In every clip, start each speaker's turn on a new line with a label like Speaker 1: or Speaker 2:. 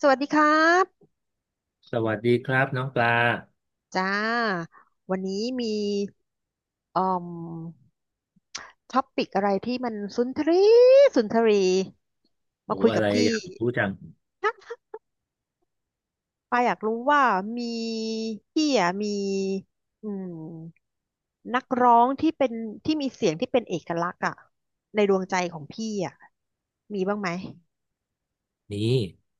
Speaker 1: สวัสดีครับ
Speaker 2: สวัสดีครับน้องปลา
Speaker 1: จ้าวันนี้มีอืมท็อปิกอะไรที่มันสุนทรีสุนทรีมา
Speaker 2: โอ้
Speaker 1: คุย
Speaker 2: อะ
Speaker 1: กับ
Speaker 2: ไร
Speaker 1: พี่
Speaker 2: อยากรู้จัง
Speaker 1: นะปาอยากรู้ว่ามีพี่อ่ะมีอืมนักร้องที่เป็นที่มีเสียงที่เป็นเอกลักษณ์อ่ะในดวงใจของพี่อ่ะมีบ้างไหม
Speaker 2: นี่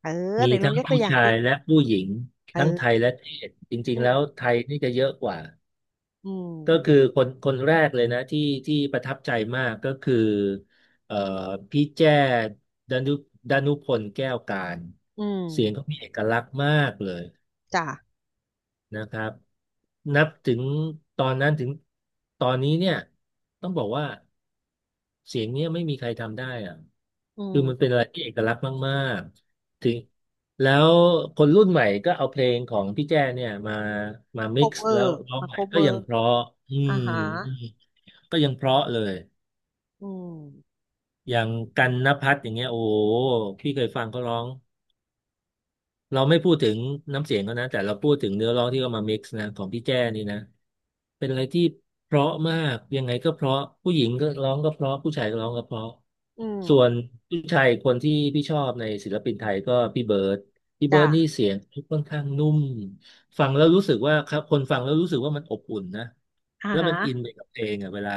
Speaker 1: เออ
Speaker 2: มี
Speaker 1: ไหนลอง
Speaker 2: ทั้ง
Speaker 1: ยกตัว
Speaker 2: ผู้
Speaker 1: อย่าง
Speaker 2: ชา
Speaker 1: สิ
Speaker 2: ยและผู้หญิงทั้งไทย
Speaker 1: เออ
Speaker 2: และเทศจริ
Speaker 1: อื
Speaker 2: งๆ
Speaker 1: ม
Speaker 2: แล้วไทยนี่จะเยอะกว่า
Speaker 1: อืม
Speaker 2: ก็คือคนคนแรกเลยนะที่ประทับใจมากก็คือเอ่อพี่แจ้ดานุดานุพลแก้วการ
Speaker 1: อืม
Speaker 2: เสียงเขามีเอกลักษณ์มากเลย
Speaker 1: จ้ะ
Speaker 2: นะครับนับถึงตอนนั้นถึงตอนนี้เนี่ยต้องบอกว่าเสียงเนี้ยไม่มีใครทำได้อะ
Speaker 1: อื
Speaker 2: คือมัน
Speaker 1: ม
Speaker 2: เป็นอะไรที่เอกลักษณ์มากๆถึงแล้วคนรุ่นใหม่ก็เอาเพลงของพี่แจ้เนี่ยมา
Speaker 1: โค
Speaker 2: มิก
Speaker 1: เว
Speaker 2: ซ์
Speaker 1: อ
Speaker 2: แล้ว
Speaker 1: ร์
Speaker 2: ร้อง
Speaker 1: มา
Speaker 2: ให
Speaker 1: โค
Speaker 2: ม่
Speaker 1: เว
Speaker 2: ก็
Speaker 1: อ
Speaker 2: ยัง
Speaker 1: ร์
Speaker 2: เพราะอืม
Speaker 1: อ่าฮะ
Speaker 2: อืมก็ยังเพราะเลย
Speaker 1: อืม
Speaker 2: อย่างกันณภัทรอย่างเงี้ยโอ้โหพี่เคยฟังเขาร้อง เราไม่พูดถึงน้ำเสียงเขานะแต่เราพูดถึงเนื้อร้องที่เขามา mix นะของพี่แจ้นี่นะเป็นอะไรที่เพราะมากยังไงก็เพราะผู้หญิงก็ร้องก็เพราะผู้ชายก็ร้องก็เพราะ
Speaker 1: อืม
Speaker 2: ส่วนผู้ชายคนที่พี่ชอบในศิลปินไทยก็พี่เบิร์ดพี่เบิร์ดนี่
Speaker 1: จ้ะ
Speaker 2: เสียงค่อนข้างนุ่มฟังแล้วรู้สึกว่าครับคนฟังแล้วรู้สึกว่ามันอบอุ่นนะ
Speaker 1: อ่า
Speaker 2: แล้ว
Speaker 1: ฮะ
Speaker 2: มันอินไปกับเพลงอ่ะเวลา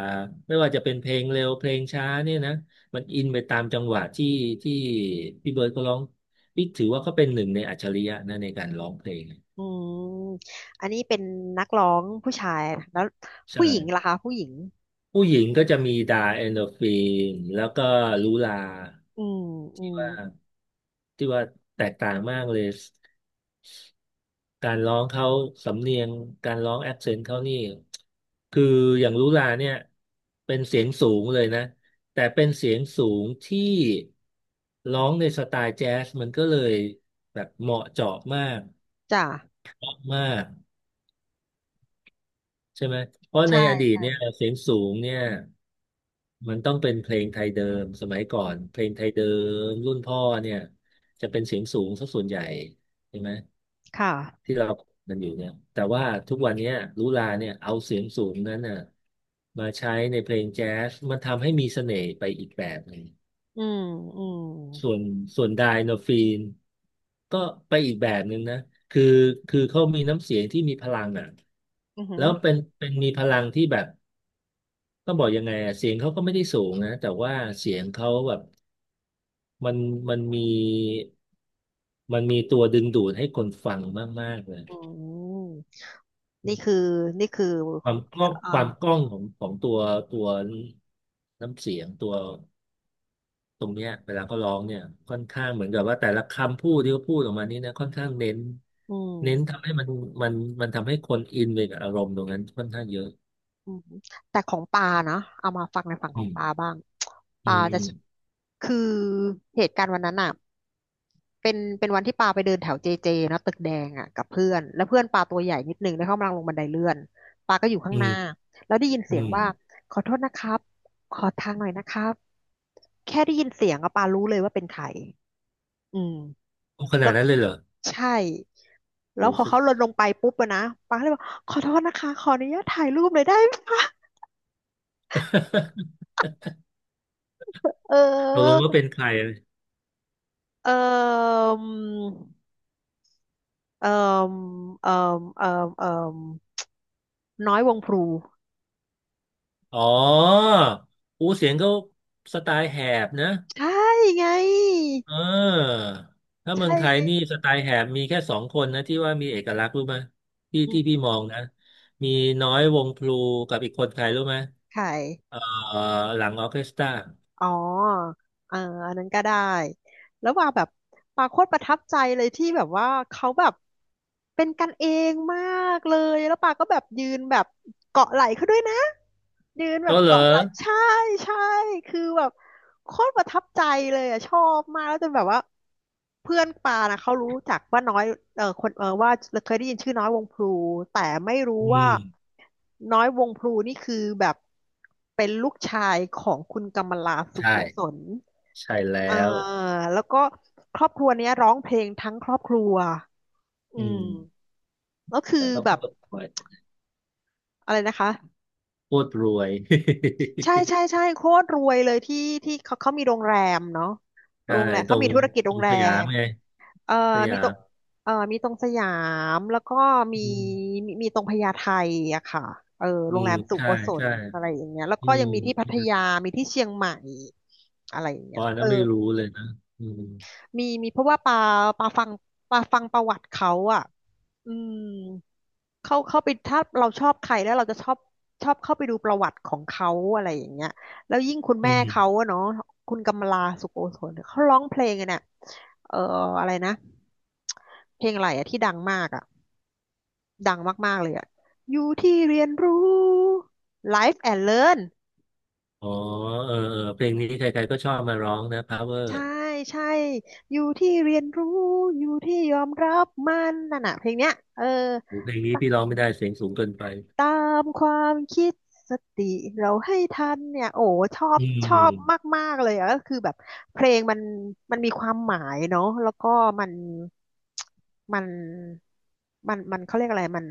Speaker 2: ไม่ว่าจะเป็นเพลงเร็วเพลงช้าเนี่ยนะมันอินไปตามจังหวะที่พี่เบิร์ดก็ร้อง พี่ถือว่าเขาเป็นหนึ่งในอัจฉริยะนะในการร้องเพลง
Speaker 1: อืมอันนี้เป็นนักร้องผู้ชายนะแล้ว
Speaker 2: ใช่
Speaker 1: ผู้หญิงล่ะคะผู้หญิง
Speaker 2: ผู้หญิงก็จะมีดาเอนโดรฟินแล้วก็ลูลา
Speaker 1: อืมอืม
Speaker 2: ที่ว่าแตกต่างมากเลยการร้องเขาสำเนียงการร้องแอคเซนต์เขานี่คืออย่างลุลาเนี่ยเป็นเสียงสูงเลยนะแต่เป็นเสียงสูงที่ร้องในสไตล์แจ๊สมันก็เลยแบบเหมาะเจาะมาก
Speaker 1: จ้ะ
Speaker 2: มากใช่ไหมเพราะใน
Speaker 1: ใช่
Speaker 2: อดีตเนี่ยเสียงสูงเนี่ย มันต้องเป็นเพลงไทยเดิมสมัยก่อ
Speaker 1: อื
Speaker 2: น
Speaker 1: ม
Speaker 2: เพลงไทยเดิมรุ่นพ่อเนี่ยจะเป็นเสียงสูงสักส่วนใหญ่ใช่ไหม
Speaker 1: ค่ะ
Speaker 2: ที่เรากันอยู่เนี่ยแต่ว่าทุกวันเนี้ยลุลาเนี่ยเอาเสียงสูงนั้นน่ะมาใช้ในเพลงแจ๊สมันทำให้มีเสน่ห์ไปอีกแบบหนึ่ง
Speaker 1: อืมอืม
Speaker 2: ส่วนส่วนไดโนฟีนก็ไปอีกแบบหนึ่งนะคือคือเขามีน้ำเสียงที่มีพลังอ่ะ
Speaker 1: อือหื
Speaker 2: แล้
Speaker 1: อ
Speaker 2: วเป็นมีพลังที่แบบต้องบอกยังไงอะเสียงเขาก็ไม่ได้สูงนะแต่ว่าเสียงเขาแบบ มันมันมีมีตัวดึงดูดให้คนฟังมากๆเลย
Speaker 1: อืมนี่คือนี่คือ
Speaker 2: ความกล้อง
Speaker 1: อ่า
Speaker 2: ความกล้องของของตัวตัวน้ำเสียงตัวตรงเนี้ยเวลาเขาร้องเนี่ยค่อนข้างเหมือนกับว่าแต่ละคำพูดที่เขาพูดออกมานี้นะค่อนข้างเน้น
Speaker 1: อื
Speaker 2: เน้น
Speaker 1: ม
Speaker 2: ทำให้มันมันมันทำให้คนอินไปกับอารมณ์ตรงนั้นค่อนข้างเยอะ
Speaker 1: อืมแต่ของปานะเอามาฟังในฝั่งข
Speaker 2: อื
Speaker 1: อง
Speaker 2: ม
Speaker 1: ปาบ้าง
Speaker 2: อื
Speaker 1: ปา
Speaker 2: มอื
Speaker 1: จะ
Speaker 2: ม
Speaker 1: คือ เหตุการณ์วันนั้นอ่ะ เป็นวันที่ปาไปเดินแถวเจเจนะตึกแดงอ่ะกับเพื่อนแล้วเพื่อนปาตัวใหญ่นิดนึงแล้วเขากำลังลงบันไดเลื่อนปาก็อยู่ข้าง
Speaker 2: อื
Speaker 1: หน้า
Speaker 2: ม
Speaker 1: แล้วได้ยิน
Speaker 2: อื
Speaker 1: เสียง
Speaker 2: ม
Speaker 1: ว่าขอโทษนะครับขอทางหน่อยนะครับแค่ได้ยินเสียงอะปารู้เลยว่าเป็นใครอืม
Speaker 2: โอ้ขนา
Speaker 1: แล้
Speaker 2: ด
Speaker 1: ว
Speaker 2: นั้นเลยเหรอ
Speaker 1: ใช่แล้
Speaker 2: โอ้
Speaker 1: วพอเขาลดลง ไปปุ๊บอะนะปาก็เลยบอกขอโทษนะคะขออนุญาตถ่ายรูปหน่อยได้ไหมคะเ
Speaker 2: ตกลง
Speaker 1: ออ
Speaker 2: ว่าเป็นใคร
Speaker 1: เออเออเออเออเออน้อยวงพลู
Speaker 2: อ๋อ อูเสียงเขาสไตล์แหบนะ
Speaker 1: ใช่ไง
Speaker 2: เออถ้าเมือ
Speaker 1: ใช่
Speaker 2: งไทย
Speaker 1: ไง
Speaker 2: นี่สไตล์แหบมีแค่สองคนนะที่ว่ามีเอกลักษณ์รู้ไหมที่
Speaker 1: อื
Speaker 2: ที่พี่
Speaker 1: ม
Speaker 2: มองนะมีน้อยวงพลูกับอีกคนใครรู้ไหม
Speaker 1: ไข่
Speaker 2: เออหลังออร์เคสตรา
Speaker 1: อ๋อเอออันนั้นก็ได้ แล้วว่าแบบปาโคตรประทับใจเลยที่แบบว่าเขาแบบเป็นกันเองมากเลย แล้วปาก็แบบยืนแบบเกาะไหล่เขาด้วยนะ ยืนแบ
Speaker 2: โต้
Speaker 1: บ
Speaker 2: เหรอ
Speaker 1: เกาะไหล่ใช่ ใช่ คือแบบ โคตรประทับใจเลยอ่ะชอบมากแล้วจนแบบว่าเพื่อนปานะเขารู้จักว่าน้อยเออคนเออว่าเคยได้ยินชื่อน้อยวงพลูแต่ไม่รู้
Speaker 2: อื
Speaker 1: ว่า
Speaker 2: ม
Speaker 1: น้อยวงพลูนี่คือแบบเป็นลูกชายของคุณกำมลาสุโกศ
Speaker 2: ใช่
Speaker 1: ล
Speaker 2: ใช่แล้
Speaker 1: เออ
Speaker 2: ว
Speaker 1: แล้วก็ครอบครัวเนี้ยร้องเพลงทั้งครอบครัวอื
Speaker 2: อื
Speaker 1: ม
Speaker 2: ม
Speaker 1: แล้วคื
Speaker 2: แต่
Speaker 1: อ
Speaker 2: เขา
Speaker 1: แบบ
Speaker 2: ก็รวย
Speaker 1: อะไรนะคะ
Speaker 2: โคตรรวย
Speaker 1: ใช่ ใช่ใช่โคตรรวยเลยที่ที่เขามีโรงแรมเนาะ
Speaker 2: ใช่
Speaker 1: โรงแรม
Speaker 2: ตร
Speaker 1: เขา
Speaker 2: ง
Speaker 1: มีธุรกิจ
Speaker 2: ต
Speaker 1: โร
Speaker 2: ร
Speaker 1: ง
Speaker 2: ง
Speaker 1: แร
Speaker 2: สยาม
Speaker 1: ม
Speaker 2: ไง
Speaker 1: เอ่อ
Speaker 2: ส
Speaker 1: มี
Speaker 2: ยา
Speaker 1: ตร
Speaker 2: ม
Speaker 1: งเอ่อมีตรงสยามแล้วก็มี
Speaker 2: อืม
Speaker 1: มีตรงพญาไทอะค่ะเออ
Speaker 2: อื
Speaker 1: โรง
Speaker 2: ม
Speaker 1: แรมสุ
Speaker 2: ใช่
Speaker 1: โกศล
Speaker 2: ใช่
Speaker 1: อะไรอย่างเงี้ยแล้ว
Speaker 2: อื
Speaker 1: ก็
Speaker 2: ม
Speaker 1: ยังมีที่พัทยามีที่เชียงใหม่อะไรอย่าง
Speaker 2: ป
Speaker 1: เงี้ย
Speaker 2: อน
Speaker 1: เออ
Speaker 2: น่ะไม่รู้เลยนะอืม
Speaker 1: มีมีเพราะว่าปาปาฟังปาฟังประวัติเขาอะอืม เข้าเข้าไปถ้าเราชอบใครแล้วเราจะชอบชอบเข้าไปดูประวัติของเขาอะไรอย่างเงี้ยแล้วยิ่งคุณ
Speaker 2: อื
Speaker 1: แม่เขา
Speaker 2: ม
Speaker 1: อะเนาะคุณกำลาสุโกศลเขาร้องเพลงอะเนี่ยเอ่ออะไรนะเพลงอะไรอะที่ดังมากอะดังมากๆเลยอะอยู่ที่เรียนรู้ Life and Learn
Speaker 2: อ๋อเออเออเพลงนี้ใครๆก็ชอบมาร้องนะ Power
Speaker 1: ใช่ใช่อยู่ที่เรียนรู้อยู่ที่ยอมรับมันนั่นน่ะเพลงเนี้ยเออ
Speaker 2: เพลงนี้พี่ร้องไม่ได้เสียงสูงเกินไป
Speaker 1: ตามความคิดสติเราให้ทันเนี่ยโอ้ชอบ
Speaker 2: อื
Speaker 1: ชอบ
Speaker 2: ม
Speaker 1: มากๆเลยอะก็คือแบบเพลงมันมีความหมายเนาะแล้วก็มันมันมันเขาเรียกอะไรมัน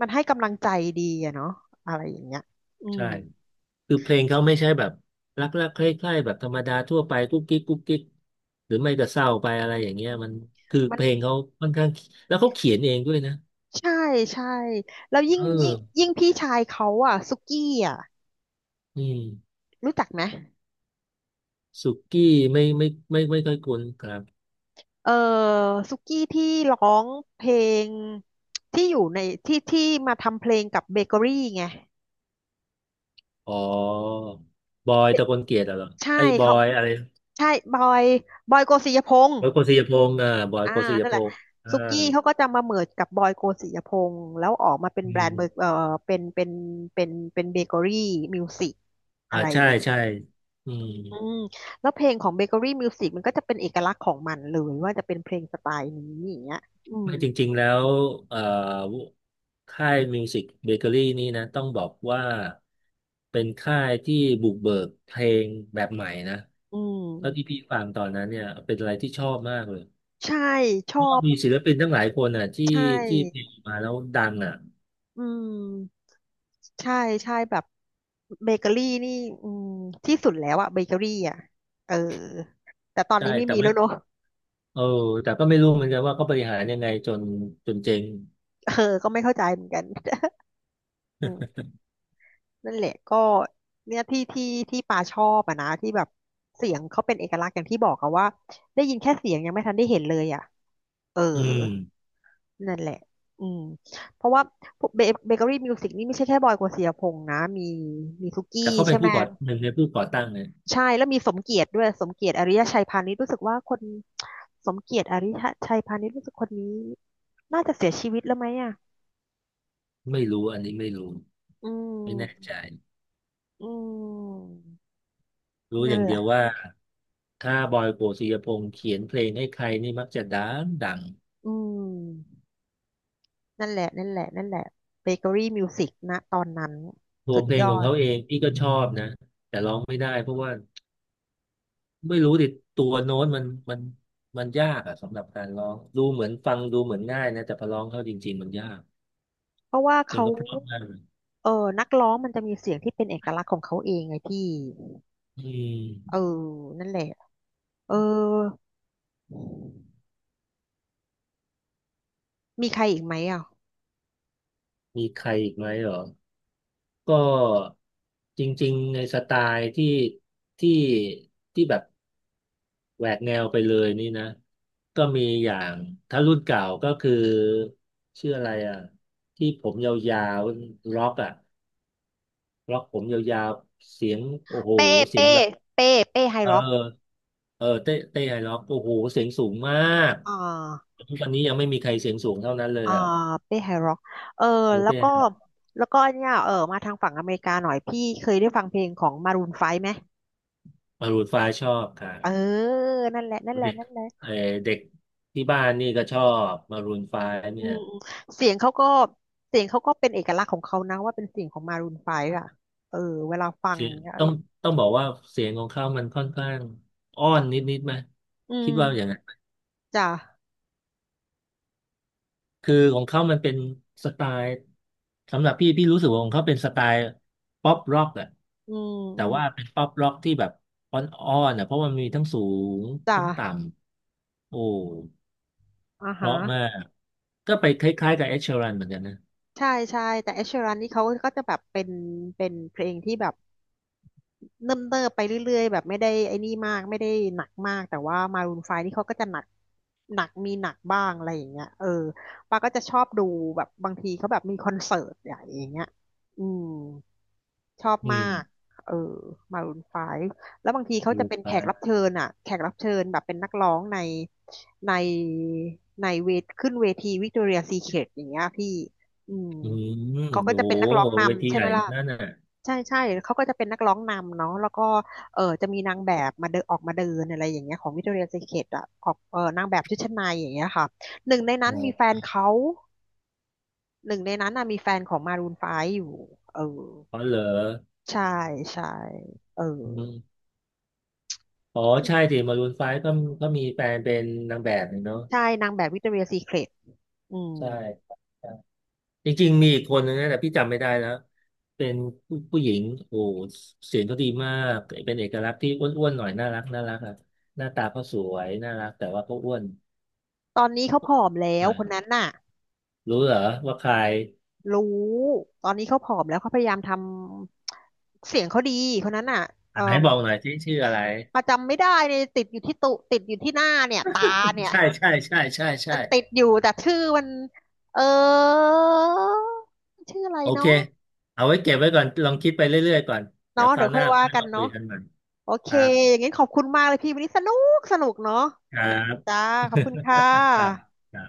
Speaker 1: มันให้กำลังใจดีอะเนาะอะไรอย่างเงี้ยอื
Speaker 2: ใช่
Speaker 1: ม
Speaker 2: คือเพลงเขาไม่ใช่แบบรักรักใคร่ๆแบบธรรมดาทั่วไปกุ๊กกิ๊กกุ๊กกิ๊กหรือไม่ก็เศร้าไปอะไรอย่างเงี้ย
Speaker 1: อื
Speaker 2: มั
Speaker 1: ม
Speaker 2: นคือ
Speaker 1: มั
Speaker 2: เพ
Speaker 1: น
Speaker 2: ลงเขาค่อนข้างแล้วเขาเขียนเองด้วยนะ
Speaker 1: ใช่ใช่แล้วยิ่
Speaker 2: เอ
Speaker 1: งยิ่ง
Speaker 2: อ
Speaker 1: ยิ่งพี่ชายเขาอ่ะซุกี้อ่ะ
Speaker 2: อืม
Speaker 1: รู้จักไหม
Speaker 2: สุกี้ไม่ค่อยคุ้นครับ
Speaker 1: เออซุกี้ที่ร้องเพลงที่อยู่ในที่มาทำเพลงกับเบเกอรี่ไง
Speaker 2: อ๋อบอยตะกลเกียรติเหรอ
Speaker 1: ใช่
Speaker 2: ไอ้บอ
Speaker 1: เขา
Speaker 2: ยอะไร
Speaker 1: ใช่บอยบอยโกสิยพงษ์
Speaker 2: บอยโกสิยพงษ์อ่าบอย
Speaker 1: อ่า
Speaker 2: โกสิย
Speaker 1: นั่น
Speaker 2: พ
Speaker 1: แหละ
Speaker 2: งษ์อ่า
Speaker 1: ซุกี้เขาก็จะมาเมิร์จกับบอยโกสิยพงษ์แล้วออกมาเป็น
Speaker 2: อื
Speaker 1: แบรนด์เบอร์
Speaker 2: ม
Speaker 1: เออเป็นเป็นเป็นเป็นเบเกอรี่มิวสิก
Speaker 2: อ่า
Speaker 1: อะไรอย่า
Speaker 2: ใช่
Speaker 1: งเงี้ย
Speaker 2: ใช่อืม
Speaker 1: อืมแล้วเพลงของเบเกอรี่มิวสิกมันก็จะเป็นเอกลักษณ์ของมันเลยว่าจะเป็นเพลงสไตล์นี้อย่างเงี้ยอืม
Speaker 2: ไม่จริงๆแล้วเอ่อค่ายมิวสิกเบเกอรี่นี่นะต้องบอกว่าเป็นค่ายที่บุกเบิกเพลงแบบใหม่นะ
Speaker 1: อื
Speaker 2: แล้วที่
Speaker 1: ม
Speaker 2: พี่ฟังตอนนั้นเนี่ยเป็นอะไรที่ชอบมากเลย
Speaker 1: ใช่ช
Speaker 2: เพ
Speaker 1: อ
Speaker 2: ราะว่า
Speaker 1: บ
Speaker 2: มีศิลปินตั้งหลายคนอ่ะที่
Speaker 1: ใช่
Speaker 2: ที่เพลงมาแล้วดังอ่ะ
Speaker 1: อืมใช่ใช่แบบเบเกอรี่นี่อืมที่สุดแล้วอะเบเกอรี่อะเออแต่ตอน
Speaker 2: ใช่
Speaker 1: นี้ไม่
Speaker 2: แต่
Speaker 1: มี
Speaker 2: ไม่
Speaker 1: แล้วเนอะ
Speaker 2: เออแต่ก็ไม่รู้เหมือนกันว่าเขาบริหารยังไงจนเจ๊ง
Speaker 1: เออก็ไม่เข้าใจเหมือนกัน อืมนั่นแหละก็เนี่ยที่ปาชอบอะนะที่แบบเสียงเขาเป็นเอกลักษณ์อย่างที่บอกอะว่าได้ยินแค่เสียงยังไม่ทันได้เห็นเลยอะเออ
Speaker 2: อืม
Speaker 1: นั่นแหละอืมเพราะว่าเบเกอรี่มิวสิกนี่ไม่ใช่แค่บอยกฤษณเสียพงษ์นะมีมีซุกี้
Speaker 2: แต่เขาเป็
Speaker 1: ใช่
Speaker 2: น
Speaker 1: ไหม
Speaker 2: ผู้ก่อหนึ่งในผู้ก่อตั้งเนี่ย
Speaker 1: ใช่แล้วมีสมเกียรติด้วยสมเกียรติอริยชัยพานิชรู้สึกว่าคนสมเกียรติอริยชัยพานิชรู้สึกคนนี้น่าจะเสียชีวิตแล้วไหมอ่ะ
Speaker 2: ไม่รู้อันนี้ไม่รู้
Speaker 1: อื
Speaker 2: ไม่แน่
Speaker 1: ม
Speaker 2: ใจ
Speaker 1: อืม
Speaker 2: รู้อ
Speaker 1: นั่น
Speaker 2: ย่าง
Speaker 1: แห
Speaker 2: เดี
Speaker 1: ละ
Speaker 2: ยวว่าถ้าบอยโกสิยพงษ์เขียนเพลงให้ใครนี่มักจะดังดัง
Speaker 1: อืมนั่นแหละนั่นแหละนั่นแหละเบเกอรี่มิวสิกนะตอนนั้น
Speaker 2: ตัว
Speaker 1: สุด
Speaker 2: เพล
Speaker 1: ย
Speaker 2: งข
Speaker 1: อ
Speaker 2: อง
Speaker 1: ด
Speaker 2: เขาเองพี่ก็ชอบนะแต่ร้องไม่ได้เพราะว่าไม่รู้ดิตัวโน้ตมันมันยากอะสำหรับการร้องดูเหมือนฟังดูเหมือนง่ายนะแต่พอร้องเข้าจริงๆมันยาก
Speaker 1: เพราะว่า
Speaker 2: เพลง
Speaker 1: เขา
Speaker 2: ก็เพราะมากเลย
Speaker 1: เออนักร้องมันจะมีเสียงที่เป็นเอกลักษณ์ของเขาเองไงพี่
Speaker 2: อื
Speaker 1: เออ
Speaker 2: ม
Speaker 1: นั่นแหละเออมีใครอีกไหมอ่ะ
Speaker 2: มีใครอีกไหมเหรอก็จริงๆในสไตล์ที่ที่แบบ แหวกแนวไปเลยนี่นะก็มีอย่างถ้ารุ่นเก่าก็คือชื่ออะไรอ่ะที่ผมยาวๆล็อกอ่ะล็อกผมยาวๆเสียงโอ้โห
Speaker 1: เป้
Speaker 2: เสีย
Speaker 1: เป้
Speaker 2: งแบบ
Speaker 1: เป้เป้ไฮ
Speaker 2: เออ
Speaker 1: ร็อก
Speaker 2: เออเต้ไฮล็อกโอ้โหเสียงสูงมาก
Speaker 1: อ่า
Speaker 2: ทุกวันนี้ยังไม่มีใครเสียงสูงเท่านั้นเลย
Speaker 1: อ่า
Speaker 2: อ่ะ
Speaker 1: เป้ไฮร็อกเออ
Speaker 2: รู้
Speaker 1: แล้ว
Speaker 2: เต้
Speaker 1: ก็
Speaker 2: ไฮล็อก
Speaker 1: แล้วก็อันเนี้ยมาทางฝั่งอเมริกาหน่อยพี่เคยได้ฟังเพลงของมารูนไฟว์ไหม
Speaker 2: มารูนไฟชอบค่ะ
Speaker 1: เออนั่นแหละนั่นแหละ
Speaker 2: เด็ก
Speaker 1: นั่นแห
Speaker 2: เอ
Speaker 1: ละ
Speaker 2: อเด็กที่บ้านนี่ก็ชอบมารูนไฟ
Speaker 1: อื
Speaker 2: เนี่ย
Speaker 1: มอืมเสียงเขาก็เสียงเขาก็เป็นเอกลักษณ์ของเขานะว่าเป็นเสียงของมารูนไฟว์อะเออเวลาฟัง
Speaker 2: เสียง
Speaker 1: เนี่ย
Speaker 2: ต้องบอกว่าเสียงของเขามันค่อนข้างอ้อนนิดนิดไหม
Speaker 1: อื
Speaker 2: คิดว่าอย่างนั้
Speaker 1: ม
Speaker 2: น
Speaker 1: จ้ะ
Speaker 2: คือของเขามันเป็นสไตล์สำหรับพี่พี่รู้สึกว่าของเขาเป็นสไตล์ป๊อปร็อกอะ
Speaker 1: อืม
Speaker 2: แต่
Speaker 1: อืม
Speaker 2: ว่าเป็นป๊อปร็อกที่แบบอ้อนอ้อนอะเพราะมันมีทั้งสูง
Speaker 1: จ้ะ
Speaker 2: ทั้งต่ำโอ้
Speaker 1: อ่า
Speaker 2: เพ
Speaker 1: ฮะ
Speaker 2: ราะมากก็ไปคล้ายๆกับเอ s h ช r รันเหมือนกันนะ
Speaker 1: ใช่ใช่แต่เอชรันนี่เขาก็จะแบบเป็นเพลงที่แบบ เนิ่มเนิบไปเรื่อยๆแบบไม่ได้ไอ้นี่มากไม่ได้หนักมากแต่ว่ามารูนไฟนี่เขาก็จะหนักหนักมีหนักบ้างอะไรอย่างเงี้ยเออปาก็จะชอบดูแบบบางทีเขาแบบมีคอนเสิร์ตใหญ่อย่างเงี้ยอืมชอบ
Speaker 2: อื
Speaker 1: มา
Speaker 2: ม
Speaker 1: กเออมารูนไฟแล้วบางทีเขา
Speaker 2: ดู
Speaker 1: จะเป็น
Speaker 2: ไป
Speaker 1: แขกรับเชิญอ่ะแขกรับเชิญแบบเป็นนักร้องในในเวทขึ้นเวทีวิกตอเรียซีเครตอย่างเงี้ยพี่อืม
Speaker 2: อืม
Speaker 1: เขาก็
Speaker 2: โอ้
Speaker 1: จะ
Speaker 2: โห
Speaker 1: เป็นนักร้อง
Speaker 2: เวที
Speaker 1: นำใช่
Speaker 2: ให
Speaker 1: ไห
Speaker 2: ญ่
Speaker 1: มล่ะ
Speaker 2: นั่นน่ะ
Speaker 1: ใช่ใช่เขาก็จะเป็นนักร้องนำเนาะแล้วก็เออจะมีนางแบบมาเดินออกมาเดินอะไรอย่างเงี้ยของวิ c t o r i a ย s ีเ e ตอ่ะออกนางแบบชุดชั้นในอย่างเงี้ยค่ะหนึ่งในนั้นมีแฟ
Speaker 2: อ
Speaker 1: นเขาหนึ่งในนั้นน่ะมีแฟนของมารูนไฟว์อยู่เออ
Speaker 2: ๋อเหรอ
Speaker 1: ใช่ใช่เออ
Speaker 2: อืม อ๋อ
Speaker 1: ที่
Speaker 2: ใช่สิมารูนไฟก็ก็มีแฟนเป็นนางแบบเนี่ยเนาะ
Speaker 1: ใช่นางแบบวิ c t o r i a ย s ีเ e ตอืม
Speaker 2: ใช่ใช่จริงๆมีอีกคนนึงนะแต่พี่จำไม่ได้แล้วเป็นผู้หญิงโอ้โหเสียงเขาดีมากเป็นเอกลักษณ์ที่อ้วนๆหน่อยน่ารักน่ารักอะหน้าตาเขาสวยน่ารักแต่ว่าเขาอ้วน
Speaker 1: ตอนนี้เขาผอมแล้
Speaker 2: ห
Speaker 1: ว
Speaker 2: น่อย
Speaker 1: คนนั้นน่ะ
Speaker 2: รู้เหรอว่าใคร
Speaker 1: รู้ ตอนนี้เขาผอมแล้วเขาพยายามทำเสียงเขาดีคนนั้นน่ะเอ
Speaker 2: อั
Speaker 1: อ
Speaker 2: นไหนบอกหน่อยที่ชื่ออะไร
Speaker 1: ประจำไม่ได้เลยติดอยู่ที่หน้าเนี่ยตาเนี่ย
Speaker 2: ใช่ใช่ใช่ใช่ใช่
Speaker 1: มันติดอยู่แต่ชื่อมันเออชื่ออะไร
Speaker 2: โอเค
Speaker 1: เนาะ
Speaker 2: เอาไว้เก็บไว้ก่อนลองคิดไปเรื่อยๆก่อนเดี๋ย
Speaker 1: เนาะ
Speaker 2: วค
Speaker 1: เดี๋
Speaker 2: รา
Speaker 1: ย
Speaker 2: ว
Speaker 1: ว
Speaker 2: ห
Speaker 1: ค่อ
Speaker 2: น้า
Speaker 1: ยว่า
Speaker 2: ค่อย
Speaker 1: กัน
Speaker 2: มาคุ
Speaker 1: เนาะ
Speaker 2: ยกันใหม่
Speaker 1: โอเค
Speaker 2: ครับ
Speaker 1: อย่างงั้นขอบคุณมากเลยพี่วันนี้สนุกเนาะ
Speaker 2: ครั
Speaker 1: อืม
Speaker 2: บ
Speaker 1: จ้าขอบคุณค่
Speaker 2: ค
Speaker 1: ะ
Speaker 2: รับ